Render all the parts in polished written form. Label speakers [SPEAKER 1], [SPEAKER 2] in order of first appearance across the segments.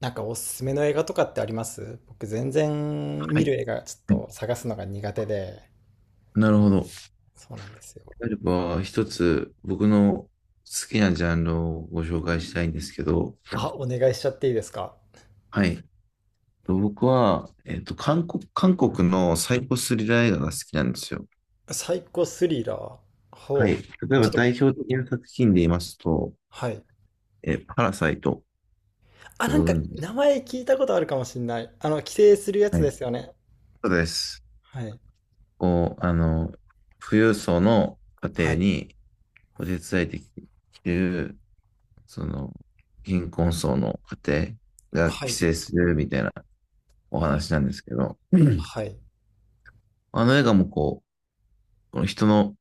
[SPEAKER 1] なんかおすすめの映画とかってあります？僕全然
[SPEAKER 2] は
[SPEAKER 1] 見
[SPEAKER 2] い。
[SPEAKER 1] る映画ちょっ
[SPEAKER 2] うん。
[SPEAKER 1] と探すのが苦手で、
[SPEAKER 2] なるほど。で
[SPEAKER 1] そうなんですよ。
[SPEAKER 2] あれば、一つ僕の好きなジャンルをご紹介したいんですけど、
[SPEAKER 1] あ、お願いしちゃっていいですか？
[SPEAKER 2] はい。と僕は、韓国のサイコスリラー映画が好きなんですよ。
[SPEAKER 1] サイコスリラー。
[SPEAKER 2] はい。
[SPEAKER 1] ほ
[SPEAKER 2] 例
[SPEAKER 1] う。
[SPEAKER 2] え
[SPEAKER 1] ち
[SPEAKER 2] ば
[SPEAKER 1] ょっと、
[SPEAKER 2] 代表的な作品で言いますと、
[SPEAKER 1] はい。
[SPEAKER 2] パラサイトっ
[SPEAKER 1] あ、
[SPEAKER 2] て
[SPEAKER 1] な
[SPEAKER 2] ご
[SPEAKER 1] んか
[SPEAKER 2] 存知です
[SPEAKER 1] 名前聞いたことあるかもしんない。あの、規制するや
[SPEAKER 2] か？
[SPEAKER 1] つ
[SPEAKER 2] は
[SPEAKER 1] で
[SPEAKER 2] い。
[SPEAKER 1] すよね。
[SPEAKER 2] そうです。
[SPEAKER 1] はい。
[SPEAKER 2] こう、あの、富裕層の
[SPEAKER 1] は
[SPEAKER 2] 家庭
[SPEAKER 1] い。
[SPEAKER 2] にお手伝いできる、その、貧困層の家庭が
[SPEAKER 1] は
[SPEAKER 2] 寄
[SPEAKER 1] い。
[SPEAKER 2] 生するみたいなお話なんですけど、
[SPEAKER 1] はい。
[SPEAKER 2] あの映画もこの人の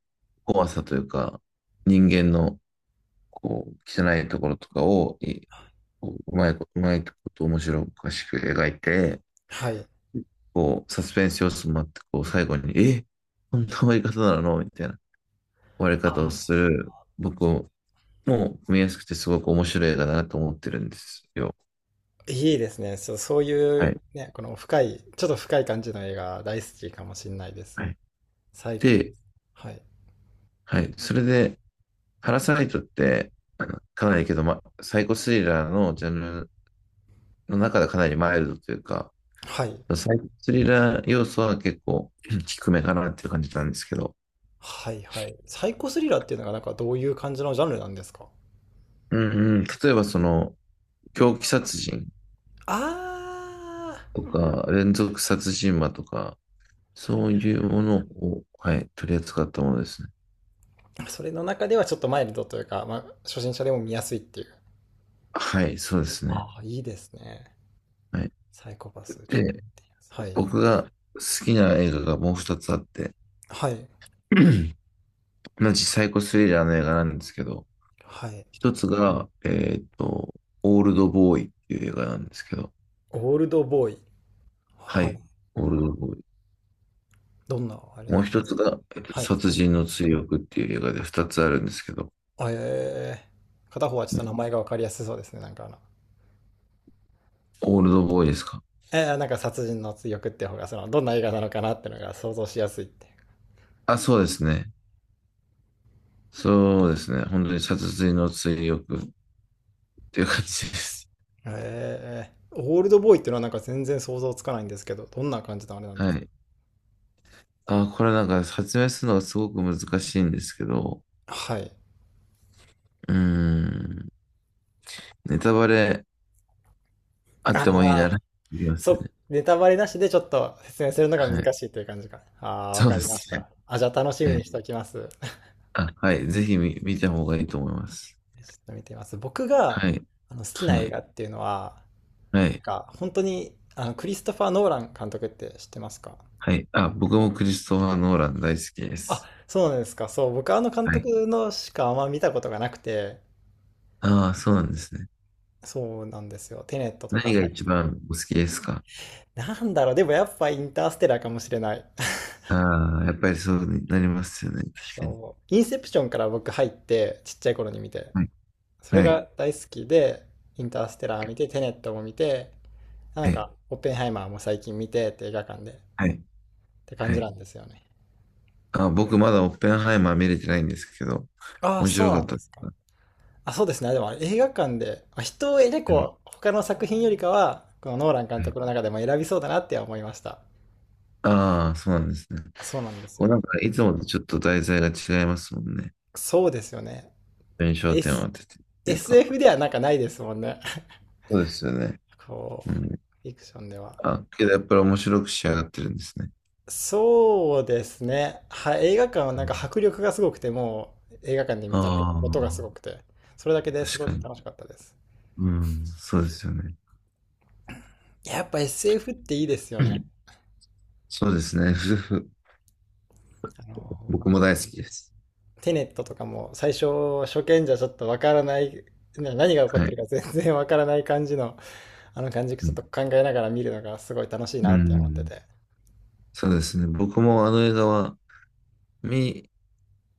[SPEAKER 2] 怖さというか、人間の汚いところとかをうまいこと、うまいこと面白おかしく描いて、
[SPEAKER 1] はい。
[SPEAKER 2] サスペンス要素もあって、最後に、こんな終わり方なのみたいな終わり方をす
[SPEAKER 1] あ、
[SPEAKER 2] る、僕も見やすくてすごく面白い映画だなと思ってるんですよ。
[SPEAKER 1] いいですね。そう、そうい
[SPEAKER 2] は
[SPEAKER 1] う、
[SPEAKER 2] い。
[SPEAKER 1] ね、この深い、ちょっと深い感じの映画大好きかもしんないです。
[SPEAKER 2] はい。
[SPEAKER 1] サイコ。
[SPEAKER 2] で、
[SPEAKER 1] はい。
[SPEAKER 2] はい。それで、パラサイトって、かなりけど、サイコスリラーのジャンルの中ではかなりマイルドというか、
[SPEAKER 1] はい。
[SPEAKER 2] サイコスリラー要素は結構 低めかなっていう感じなんですけど、
[SPEAKER 1] はいはい。サイコスリラーっていうのがなんかどういう感じのジャンルなんですか？
[SPEAKER 2] うんうん、例えば狂気殺人
[SPEAKER 1] ああ、
[SPEAKER 2] とか、連続殺人魔とか、
[SPEAKER 1] ーは
[SPEAKER 2] そ
[SPEAKER 1] い
[SPEAKER 2] う
[SPEAKER 1] は
[SPEAKER 2] いうものを、はい、取り扱ったものですね。
[SPEAKER 1] い。それの中ではちょっとマイルドというか、まあ、初心者でも見やすいっていう。
[SPEAKER 2] はい、そうですね。
[SPEAKER 1] ああ、いいですね。
[SPEAKER 2] はい。
[SPEAKER 1] サイコパス、ちょっと
[SPEAKER 2] で、
[SPEAKER 1] 見やすい。はい。
[SPEAKER 2] 僕が好きな映画がもう二つあって、
[SPEAKER 1] はい。
[SPEAKER 2] 同じサイコスリラーの映画なんですけど、
[SPEAKER 1] はい。
[SPEAKER 2] 一つが、オールドボーイっていう映画なんですけど、
[SPEAKER 1] オールドボーイ。
[SPEAKER 2] は
[SPEAKER 1] は
[SPEAKER 2] い、
[SPEAKER 1] い。
[SPEAKER 2] オールドボーイ。
[SPEAKER 1] どんなあれ
[SPEAKER 2] も
[SPEAKER 1] な
[SPEAKER 2] う
[SPEAKER 1] んで
[SPEAKER 2] 一
[SPEAKER 1] す
[SPEAKER 2] つが、
[SPEAKER 1] か？はい。
[SPEAKER 2] 殺人の追憶っていう映画で二つあるんですけど、
[SPEAKER 1] あ、えー、片方はちょっと
[SPEAKER 2] ね、
[SPEAKER 1] 名前がわかりやすそうですね。なんかあの、
[SPEAKER 2] オールドボーイですか？
[SPEAKER 1] えー、なんか殺人の追憶って方が、その、どんな映画なのかなってのが想像しやすいって。
[SPEAKER 2] あ、そうですね。そうですね。本当に殺人の追憶っていう感じです。
[SPEAKER 1] ええ、オールドボーイっていうのはなんか全然想像つかないんですけど、どんな感じのあれな んで
[SPEAKER 2] は
[SPEAKER 1] すか？
[SPEAKER 2] い。あ、これなんか説明するのがすごく難しいんですけど、
[SPEAKER 1] はい。
[SPEAKER 2] うーん、ネタバレあ
[SPEAKER 1] あ
[SPEAKER 2] ってもいいなら、
[SPEAKER 1] あ、
[SPEAKER 2] いきま
[SPEAKER 1] そ
[SPEAKER 2] す
[SPEAKER 1] う、
[SPEAKER 2] ね。
[SPEAKER 1] ネタバレなしでちょっと説明するのが
[SPEAKER 2] はい。
[SPEAKER 1] 難しいという感じか。あ、あ、わ
[SPEAKER 2] そう
[SPEAKER 1] か
[SPEAKER 2] で
[SPEAKER 1] りまし
[SPEAKER 2] すね。
[SPEAKER 1] た。あ、じゃあ楽しみ
[SPEAKER 2] は
[SPEAKER 1] に
[SPEAKER 2] い。
[SPEAKER 1] しておきます。ちょ
[SPEAKER 2] あ、はい。ぜひ見た方がいいと思いま
[SPEAKER 1] っ
[SPEAKER 2] す。
[SPEAKER 1] と見てみます。僕が
[SPEAKER 2] はい。
[SPEAKER 1] あの好きな
[SPEAKER 2] は
[SPEAKER 1] 映
[SPEAKER 2] い。
[SPEAKER 1] 画っていうのは、
[SPEAKER 2] は
[SPEAKER 1] なん
[SPEAKER 2] い。
[SPEAKER 1] か本当にあのクリストファー・ノーラン監督って知ってますか？
[SPEAKER 2] はい。あ、僕もクリストファー・ノーラン大好きで
[SPEAKER 1] あ、
[SPEAKER 2] す。
[SPEAKER 1] そうなんですか。そう、僕あの監
[SPEAKER 2] はい。
[SPEAKER 1] 督のしかあんま見たことがなくて、
[SPEAKER 2] ああ、そうなんですね。
[SPEAKER 1] そうなんですよ。テネットとか、
[SPEAKER 2] 何が一番お好きですか？
[SPEAKER 1] なんだろう、でもやっぱインターステラーかもしれない。
[SPEAKER 2] ああ、やっぱりそうになりますよね。確かに。
[SPEAKER 1] そう。インセプションから僕入って、ちっちゃい頃に見て。
[SPEAKER 2] はい。
[SPEAKER 1] それ
[SPEAKER 2] はい。
[SPEAKER 1] が大好きで、インターステラー見て、テネットも見て、なん
[SPEAKER 2] は
[SPEAKER 1] か、オッペンハイマーも最近見てって映画館でっ
[SPEAKER 2] い。
[SPEAKER 1] て感
[SPEAKER 2] は
[SPEAKER 1] じ
[SPEAKER 2] い。
[SPEAKER 1] なんですよね。
[SPEAKER 2] あ、僕まだオッペンハイマー見れてないんですけど、
[SPEAKER 1] ああ、
[SPEAKER 2] 面
[SPEAKER 1] そ
[SPEAKER 2] 白
[SPEAKER 1] う
[SPEAKER 2] か
[SPEAKER 1] な
[SPEAKER 2] っ
[SPEAKER 1] んで
[SPEAKER 2] たで
[SPEAKER 1] すか。
[SPEAKER 2] すか？
[SPEAKER 1] あ、そうですね。でもあれ映画館で、まあ人を結
[SPEAKER 2] はい。
[SPEAKER 1] 構他の作品よりかは、このノーラン監
[SPEAKER 2] はい。
[SPEAKER 1] 督の中でも選びそうだなって思いました。
[SPEAKER 2] ああ、そうなんですね。
[SPEAKER 1] あ、そうなんですよ。
[SPEAKER 2] いつもとちょっと題材が違いますもんね。
[SPEAKER 1] そうですよね。
[SPEAKER 2] 印象点を
[SPEAKER 1] S、
[SPEAKER 2] 当ててっていうか。
[SPEAKER 1] SF ではなんかないですもんね。
[SPEAKER 2] そうですよね。
[SPEAKER 1] こ
[SPEAKER 2] う
[SPEAKER 1] う、
[SPEAKER 2] ん。
[SPEAKER 1] フィクションでは。
[SPEAKER 2] あ、けどやっぱり面白く仕上がってるんですね。
[SPEAKER 1] そうですね。は、映画館はなんか迫力がすごくて、もう映画館で見たら音が
[SPEAKER 2] あ
[SPEAKER 1] すごくて、それだけで
[SPEAKER 2] あ、
[SPEAKER 1] す
[SPEAKER 2] 確
[SPEAKER 1] ご
[SPEAKER 2] か
[SPEAKER 1] く
[SPEAKER 2] に。
[SPEAKER 1] 楽しかったです。
[SPEAKER 2] うん、そうですよね。
[SPEAKER 1] やっぱ SF っていいですよね。
[SPEAKER 2] そうですね。ふふ。
[SPEAKER 1] あ
[SPEAKER 2] 僕
[SPEAKER 1] の
[SPEAKER 2] も大好きです。
[SPEAKER 1] テネットとかも最初初見じゃちょっとわからない、何が起こっ
[SPEAKER 2] は
[SPEAKER 1] てる
[SPEAKER 2] い。
[SPEAKER 1] か全然わからない感じの、あの感じ
[SPEAKER 2] う
[SPEAKER 1] ちょっと
[SPEAKER 2] ん、
[SPEAKER 1] 考えながら見るのがすごい楽しい
[SPEAKER 2] う
[SPEAKER 1] なって思って
[SPEAKER 2] ん、
[SPEAKER 1] て。
[SPEAKER 2] そうですね。僕もあの映画は、見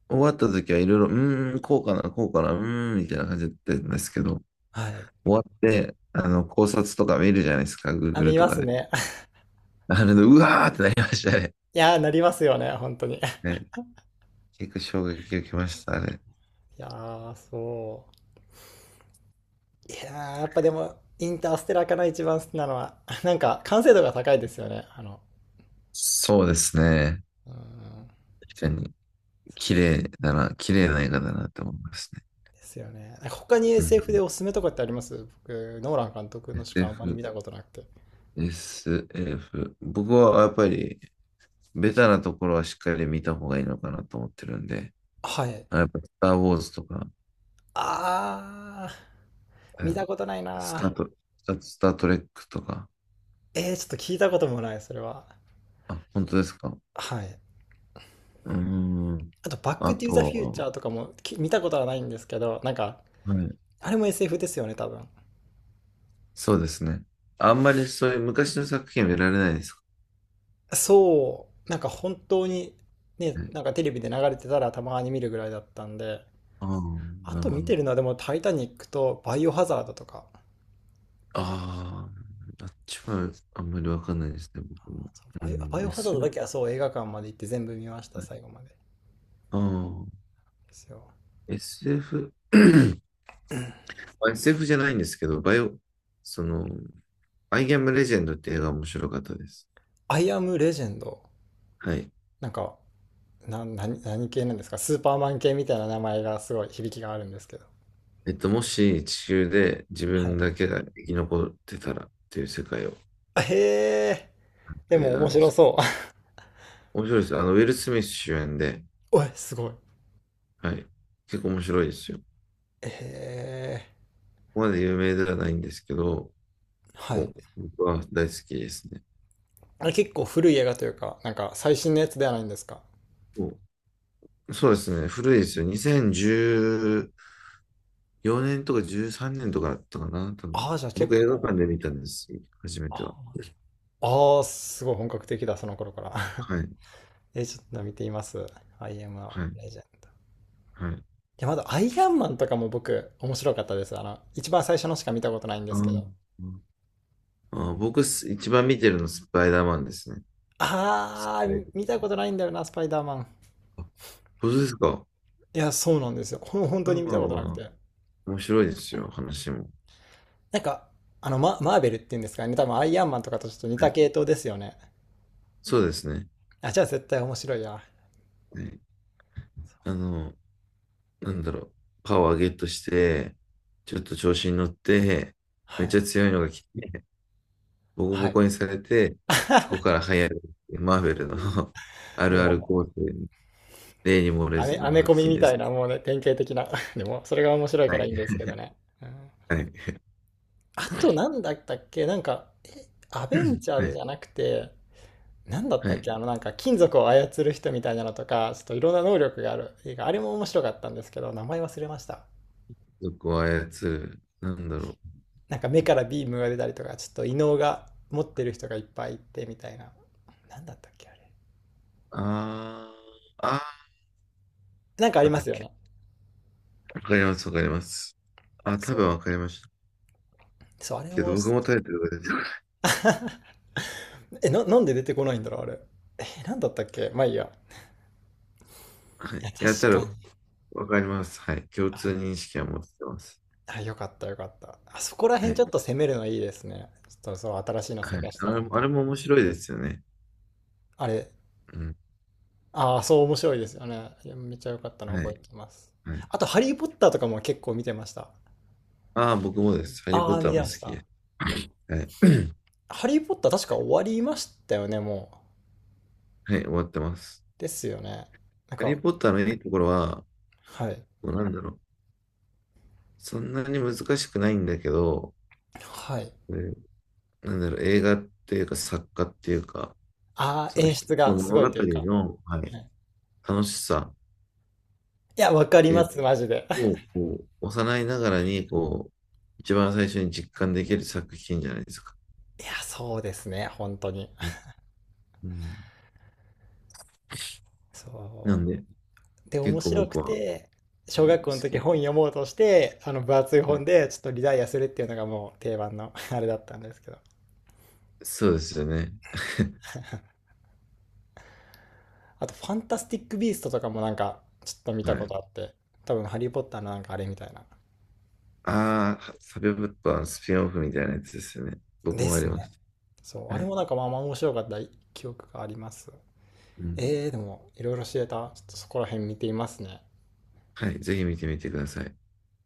[SPEAKER 2] 終わった時はいろいろ、うーん、こうかな、こうかな、うーん、みたいな感じだったんですけど、
[SPEAKER 1] はい。
[SPEAKER 2] 終わって、考察とか見るじゃないですか、
[SPEAKER 1] あ、
[SPEAKER 2] Google
[SPEAKER 1] 見
[SPEAKER 2] と
[SPEAKER 1] ま
[SPEAKER 2] か
[SPEAKER 1] す
[SPEAKER 2] で。
[SPEAKER 1] ね。
[SPEAKER 2] あれで、うわーってなりましたね。
[SPEAKER 1] いやー、なりますよね、本当に。い
[SPEAKER 2] ね、結構衝撃を受けました、あれ。
[SPEAKER 1] やー、そう。いやー、やっぱでも、インターステラーかな、一番好きなのは。なんか、完成度が高いですよね。あの、
[SPEAKER 2] そうですね。
[SPEAKER 1] うーん、
[SPEAKER 2] 確かに。
[SPEAKER 1] そ
[SPEAKER 2] 綺
[SPEAKER 1] う
[SPEAKER 2] 麗だな、綺麗な映画だなって思いますね。
[SPEAKER 1] ですよね。なんか他に
[SPEAKER 2] う
[SPEAKER 1] SF で
[SPEAKER 2] ん。
[SPEAKER 1] おすすめとかってあります？僕、ノーラン監督のしかあんまり見
[SPEAKER 2] SF、
[SPEAKER 1] たことなくて。
[SPEAKER 2] SF。僕はやっぱり、ベタなところはしっかり見た方がいいのかなと思ってるんで、
[SPEAKER 1] はい。
[SPEAKER 2] あ、やっぱ、スター・ウォーズとか、
[SPEAKER 1] あー、
[SPEAKER 2] え
[SPEAKER 1] 見
[SPEAKER 2] ー
[SPEAKER 1] たことない
[SPEAKER 2] スター
[SPEAKER 1] な
[SPEAKER 2] ト、スター・トレックとか、
[SPEAKER 1] ー。えー、ちょっと聞いたこともない、それは。
[SPEAKER 2] あ、本当ですか？
[SPEAKER 1] はい。
[SPEAKER 2] うーん。
[SPEAKER 1] あと、バッ
[SPEAKER 2] あ
[SPEAKER 1] ク・トゥ・ザ・フューチャ
[SPEAKER 2] と
[SPEAKER 1] ーとかも見たことはないんですけど、なんか、
[SPEAKER 2] は、はい、
[SPEAKER 1] あれも SF ですよね、多分。
[SPEAKER 2] そうですね。あんまりそういう昔の作品見られないですか
[SPEAKER 1] そう、なんか本当にね、
[SPEAKER 2] ね。
[SPEAKER 1] なんかテレビで流れてたらたまに見るぐらいだったんで、
[SPEAKER 2] ああ、
[SPEAKER 1] あ
[SPEAKER 2] なる
[SPEAKER 1] と
[SPEAKER 2] ほ
[SPEAKER 1] 見
[SPEAKER 2] ど。
[SPEAKER 1] てるのはでもタイタニックとバイオハザードとか、
[SPEAKER 2] ああ、あっちはあんまりわかんないですね、僕
[SPEAKER 1] あ、
[SPEAKER 2] も。
[SPEAKER 1] そう、
[SPEAKER 2] う
[SPEAKER 1] バイ
[SPEAKER 2] ん、
[SPEAKER 1] オハザードだ
[SPEAKER 2] SF、
[SPEAKER 1] けはそう映画館まで行って全部見ました、最後まで。で
[SPEAKER 2] ああ、
[SPEAKER 1] すよ。
[SPEAKER 2] SF、まあ SF じゃないんですけど、バイオ、その、アイ・アム・レジェンドって映画面白かったです。
[SPEAKER 1] アイアムレジェンド、
[SPEAKER 2] はい。
[SPEAKER 1] なんか、何系なんですか？スーパーマン系みたいな名前がすごい響きがあるんですけど。
[SPEAKER 2] もし地球で自
[SPEAKER 1] は
[SPEAKER 2] 分
[SPEAKER 1] い。
[SPEAKER 2] だけが生き残ってたらっていう世界を
[SPEAKER 1] へえ、で
[SPEAKER 2] 映
[SPEAKER 1] も
[SPEAKER 2] 画な
[SPEAKER 1] 面
[SPEAKER 2] んで
[SPEAKER 1] 白
[SPEAKER 2] す。
[SPEAKER 1] そう。
[SPEAKER 2] 面白いです。ウィル・スミス主演で、
[SPEAKER 1] おい、すごい。
[SPEAKER 2] はい。結構面白いですよ。こ
[SPEAKER 1] へえ、
[SPEAKER 2] こまで有名ではないんですけど、
[SPEAKER 1] はい。
[SPEAKER 2] 僕は大好きですね。
[SPEAKER 1] あれ結構古い映画というか、なんか最新のやつではないんですか？
[SPEAKER 2] そうですね。古いですよ。2014年とか13年とかだったかな。多分
[SPEAKER 1] ああ、じゃあ
[SPEAKER 2] 僕
[SPEAKER 1] 結
[SPEAKER 2] 映画
[SPEAKER 1] 構、
[SPEAKER 2] 館で見たんです。初めては。
[SPEAKER 1] ああー、すごい本格的だ、その頃から。
[SPEAKER 2] はい。
[SPEAKER 1] え、ちょっと見ています。アイアンマ
[SPEAKER 2] はい。
[SPEAKER 1] ン、レジェン。い
[SPEAKER 2] はい。
[SPEAKER 1] や、まだアイアンマンとかも僕、面白かったです。あの、一番最初のしか見たことないんで
[SPEAKER 2] あ
[SPEAKER 1] すけ
[SPEAKER 2] ー
[SPEAKER 1] ど。
[SPEAKER 2] 僕一番見てるのスパイダーマンですね。
[SPEAKER 1] ああ、
[SPEAKER 2] はい。
[SPEAKER 1] 見たことないんだよな、スパイダーマン。
[SPEAKER 2] あ、本当ですか？
[SPEAKER 1] いや、そうなんですよ。本
[SPEAKER 2] スパ
[SPEAKER 1] 当
[SPEAKER 2] イダ
[SPEAKER 1] に
[SPEAKER 2] ー
[SPEAKER 1] 見
[SPEAKER 2] マ
[SPEAKER 1] たこ
[SPEAKER 2] ン
[SPEAKER 1] となく
[SPEAKER 2] は
[SPEAKER 1] て。
[SPEAKER 2] 面白いですよ。話も。
[SPEAKER 1] なんか、あの、マーベルっていうんですかね。多分アイアンマンとかとちょっと似
[SPEAKER 2] は
[SPEAKER 1] た
[SPEAKER 2] い。
[SPEAKER 1] 系統ですよね。
[SPEAKER 2] そうですね。
[SPEAKER 1] あ、じゃあ絶対面白いや。
[SPEAKER 2] はい。あの、なんだろう。パワーゲットして、ちょっと調子に乗って、め
[SPEAKER 1] は
[SPEAKER 2] っちゃ
[SPEAKER 1] い。
[SPEAKER 2] 強いのが来て、ボコ
[SPEAKER 1] は
[SPEAKER 2] ボコ
[SPEAKER 1] い。
[SPEAKER 2] にされて、そこから流行る、マーベルの あるある
[SPEAKER 1] も
[SPEAKER 2] 構成、例に漏れず
[SPEAKER 1] ア
[SPEAKER 2] の
[SPEAKER 1] メコ
[SPEAKER 2] 作
[SPEAKER 1] ミ
[SPEAKER 2] 品
[SPEAKER 1] み
[SPEAKER 2] で
[SPEAKER 1] たい
[SPEAKER 2] す。
[SPEAKER 1] な、もうね、典型的な。でも、それが面白い
[SPEAKER 2] は
[SPEAKER 1] から
[SPEAKER 2] い。
[SPEAKER 1] いいんですけどね。うん、
[SPEAKER 2] はい。
[SPEAKER 1] あと、なんだったっけ？なんか、え、アベンジ ャー
[SPEAKER 2] は
[SPEAKER 1] ズじゃ
[SPEAKER 2] い。
[SPEAKER 1] なくて、なんだっ
[SPEAKER 2] は
[SPEAKER 1] たっけ？
[SPEAKER 2] い。
[SPEAKER 1] あの、なんか、金属を操る人みたいなのとか、ちょっといろんな能力がある映画。あれも面白かったんですけど、名前忘れました。
[SPEAKER 2] 族を操る。なんだろう。
[SPEAKER 1] なんか、目からビームが出たりとか、ちょっと異能が持ってる人がいっぱいいて、みたいな。なんだったっけあれ。
[SPEAKER 2] あー、あ
[SPEAKER 1] なんかあり
[SPEAKER 2] なん
[SPEAKER 1] ま
[SPEAKER 2] だっ
[SPEAKER 1] すよ
[SPEAKER 2] け。
[SPEAKER 1] ね。
[SPEAKER 2] わかります、わかります。あ、多分
[SPEAKER 1] そ
[SPEAKER 2] わかりました。
[SPEAKER 1] う。そう、あれ
[SPEAKER 2] けど、
[SPEAKER 1] も、
[SPEAKER 2] 僕もタイトルが出てこない。
[SPEAKER 1] え、なんで出てこないんだろうあれ。え、なんだったっけ？まあいいや。
[SPEAKER 2] はい。
[SPEAKER 1] や、
[SPEAKER 2] い
[SPEAKER 1] 確
[SPEAKER 2] や、多
[SPEAKER 1] か
[SPEAKER 2] 分
[SPEAKER 1] に。
[SPEAKER 2] わかります。はい。共通
[SPEAKER 1] あ、
[SPEAKER 2] 認識は持ってます。
[SPEAKER 1] あよかったよかった。あそこら
[SPEAKER 2] は
[SPEAKER 1] 辺ち
[SPEAKER 2] い。
[SPEAKER 1] ょっと攻めるのいいですね。ちょっとそう、新しいの
[SPEAKER 2] はい。
[SPEAKER 1] 探し
[SPEAKER 2] あ
[SPEAKER 1] てた
[SPEAKER 2] れ
[SPEAKER 1] ん
[SPEAKER 2] も、あ
[SPEAKER 1] で。
[SPEAKER 2] れも面白いですよね。
[SPEAKER 1] あれ、
[SPEAKER 2] うん。
[SPEAKER 1] ああ、そう面白いですよね。いやめっちゃよかったの
[SPEAKER 2] は
[SPEAKER 1] 覚え
[SPEAKER 2] い。
[SPEAKER 1] てます。
[SPEAKER 2] はい。
[SPEAKER 1] あと、ハリー・ポッターとかも結構見てました。
[SPEAKER 2] ああ、僕もです。ハリー・ポ
[SPEAKER 1] あ
[SPEAKER 2] ッ
[SPEAKER 1] あ、
[SPEAKER 2] タ
[SPEAKER 1] 見
[SPEAKER 2] ーも
[SPEAKER 1] て
[SPEAKER 2] 好
[SPEAKER 1] まし
[SPEAKER 2] きで
[SPEAKER 1] た。
[SPEAKER 2] す。はい。
[SPEAKER 1] ハリー・ポッター確か終わりましたよね、もう。
[SPEAKER 2] はい、終わってます。
[SPEAKER 1] ですよね。なん
[SPEAKER 2] ハリ
[SPEAKER 1] か、
[SPEAKER 2] ー・ポッターのいいところは、
[SPEAKER 1] はい。
[SPEAKER 2] もうなんだろう。そんなに難しくないんだけど、
[SPEAKER 1] はい。
[SPEAKER 2] えーなんだろう、映画っていうか作家っていうか、
[SPEAKER 1] ああ、
[SPEAKER 2] その
[SPEAKER 1] 演
[SPEAKER 2] 一
[SPEAKER 1] 出
[SPEAKER 2] つの
[SPEAKER 1] がす
[SPEAKER 2] 物
[SPEAKER 1] ご
[SPEAKER 2] 語
[SPEAKER 1] いというか。
[SPEAKER 2] の、は
[SPEAKER 1] は
[SPEAKER 2] い、
[SPEAKER 1] い、
[SPEAKER 2] 楽しさっ
[SPEAKER 1] いや、わかり
[SPEAKER 2] てい
[SPEAKER 1] ま
[SPEAKER 2] う
[SPEAKER 1] す、マジで。
[SPEAKER 2] のを、幼いながらに、一番最初に実感できる作品じゃないですか。
[SPEAKER 1] いや、そうですね、本当に。
[SPEAKER 2] うん。うん。な
[SPEAKER 1] そ
[SPEAKER 2] んで、
[SPEAKER 1] うで、
[SPEAKER 2] 結
[SPEAKER 1] 面
[SPEAKER 2] 構
[SPEAKER 1] 白く
[SPEAKER 2] 僕は、は
[SPEAKER 1] て、小
[SPEAKER 2] い、
[SPEAKER 1] 学
[SPEAKER 2] 好
[SPEAKER 1] 校の時
[SPEAKER 2] き。
[SPEAKER 1] 本読もうとして、あの分厚い
[SPEAKER 2] は
[SPEAKER 1] 本
[SPEAKER 2] い、
[SPEAKER 1] でちょっとリダイアするっていうのがもう定番の あれだったんですけど。
[SPEAKER 2] そうですよね。
[SPEAKER 1] あと、ファンタスティック・ビーストとかもなんかちょっと見
[SPEAKER 2] は
[SPEAKER 1] たこ
[SPEAKER 2] い。
[SPEAKER 1] とあって、多分ハリー・ポッターのなんかあれみたいな。
[SPEAKER 2] ああ、サブオブットはスピンオフみたいなやつですよね。僕
[SPEAKER 1] で
[SPEAKER 2] もあり
[SPEAKER 1] す
[SPEAKER 2] ま
[SPEAKER 1] ね。
[SPEAKER 2] す。
[SPEAKER 1] そう、あ
[SPEAKER 2] は
[SPEAKER 1] れ
[SPEAKER 2] い。
[SPEAKER 1] もなんかまあまあ面白かった記憶があります。
[SPEAKER 2] うん。
[SPEAKER 1] えー、でもいろいろ知れた。ちょっとそこら辺見ていますね。
[SPEAKER 2] はい。ぜひ見てみてください。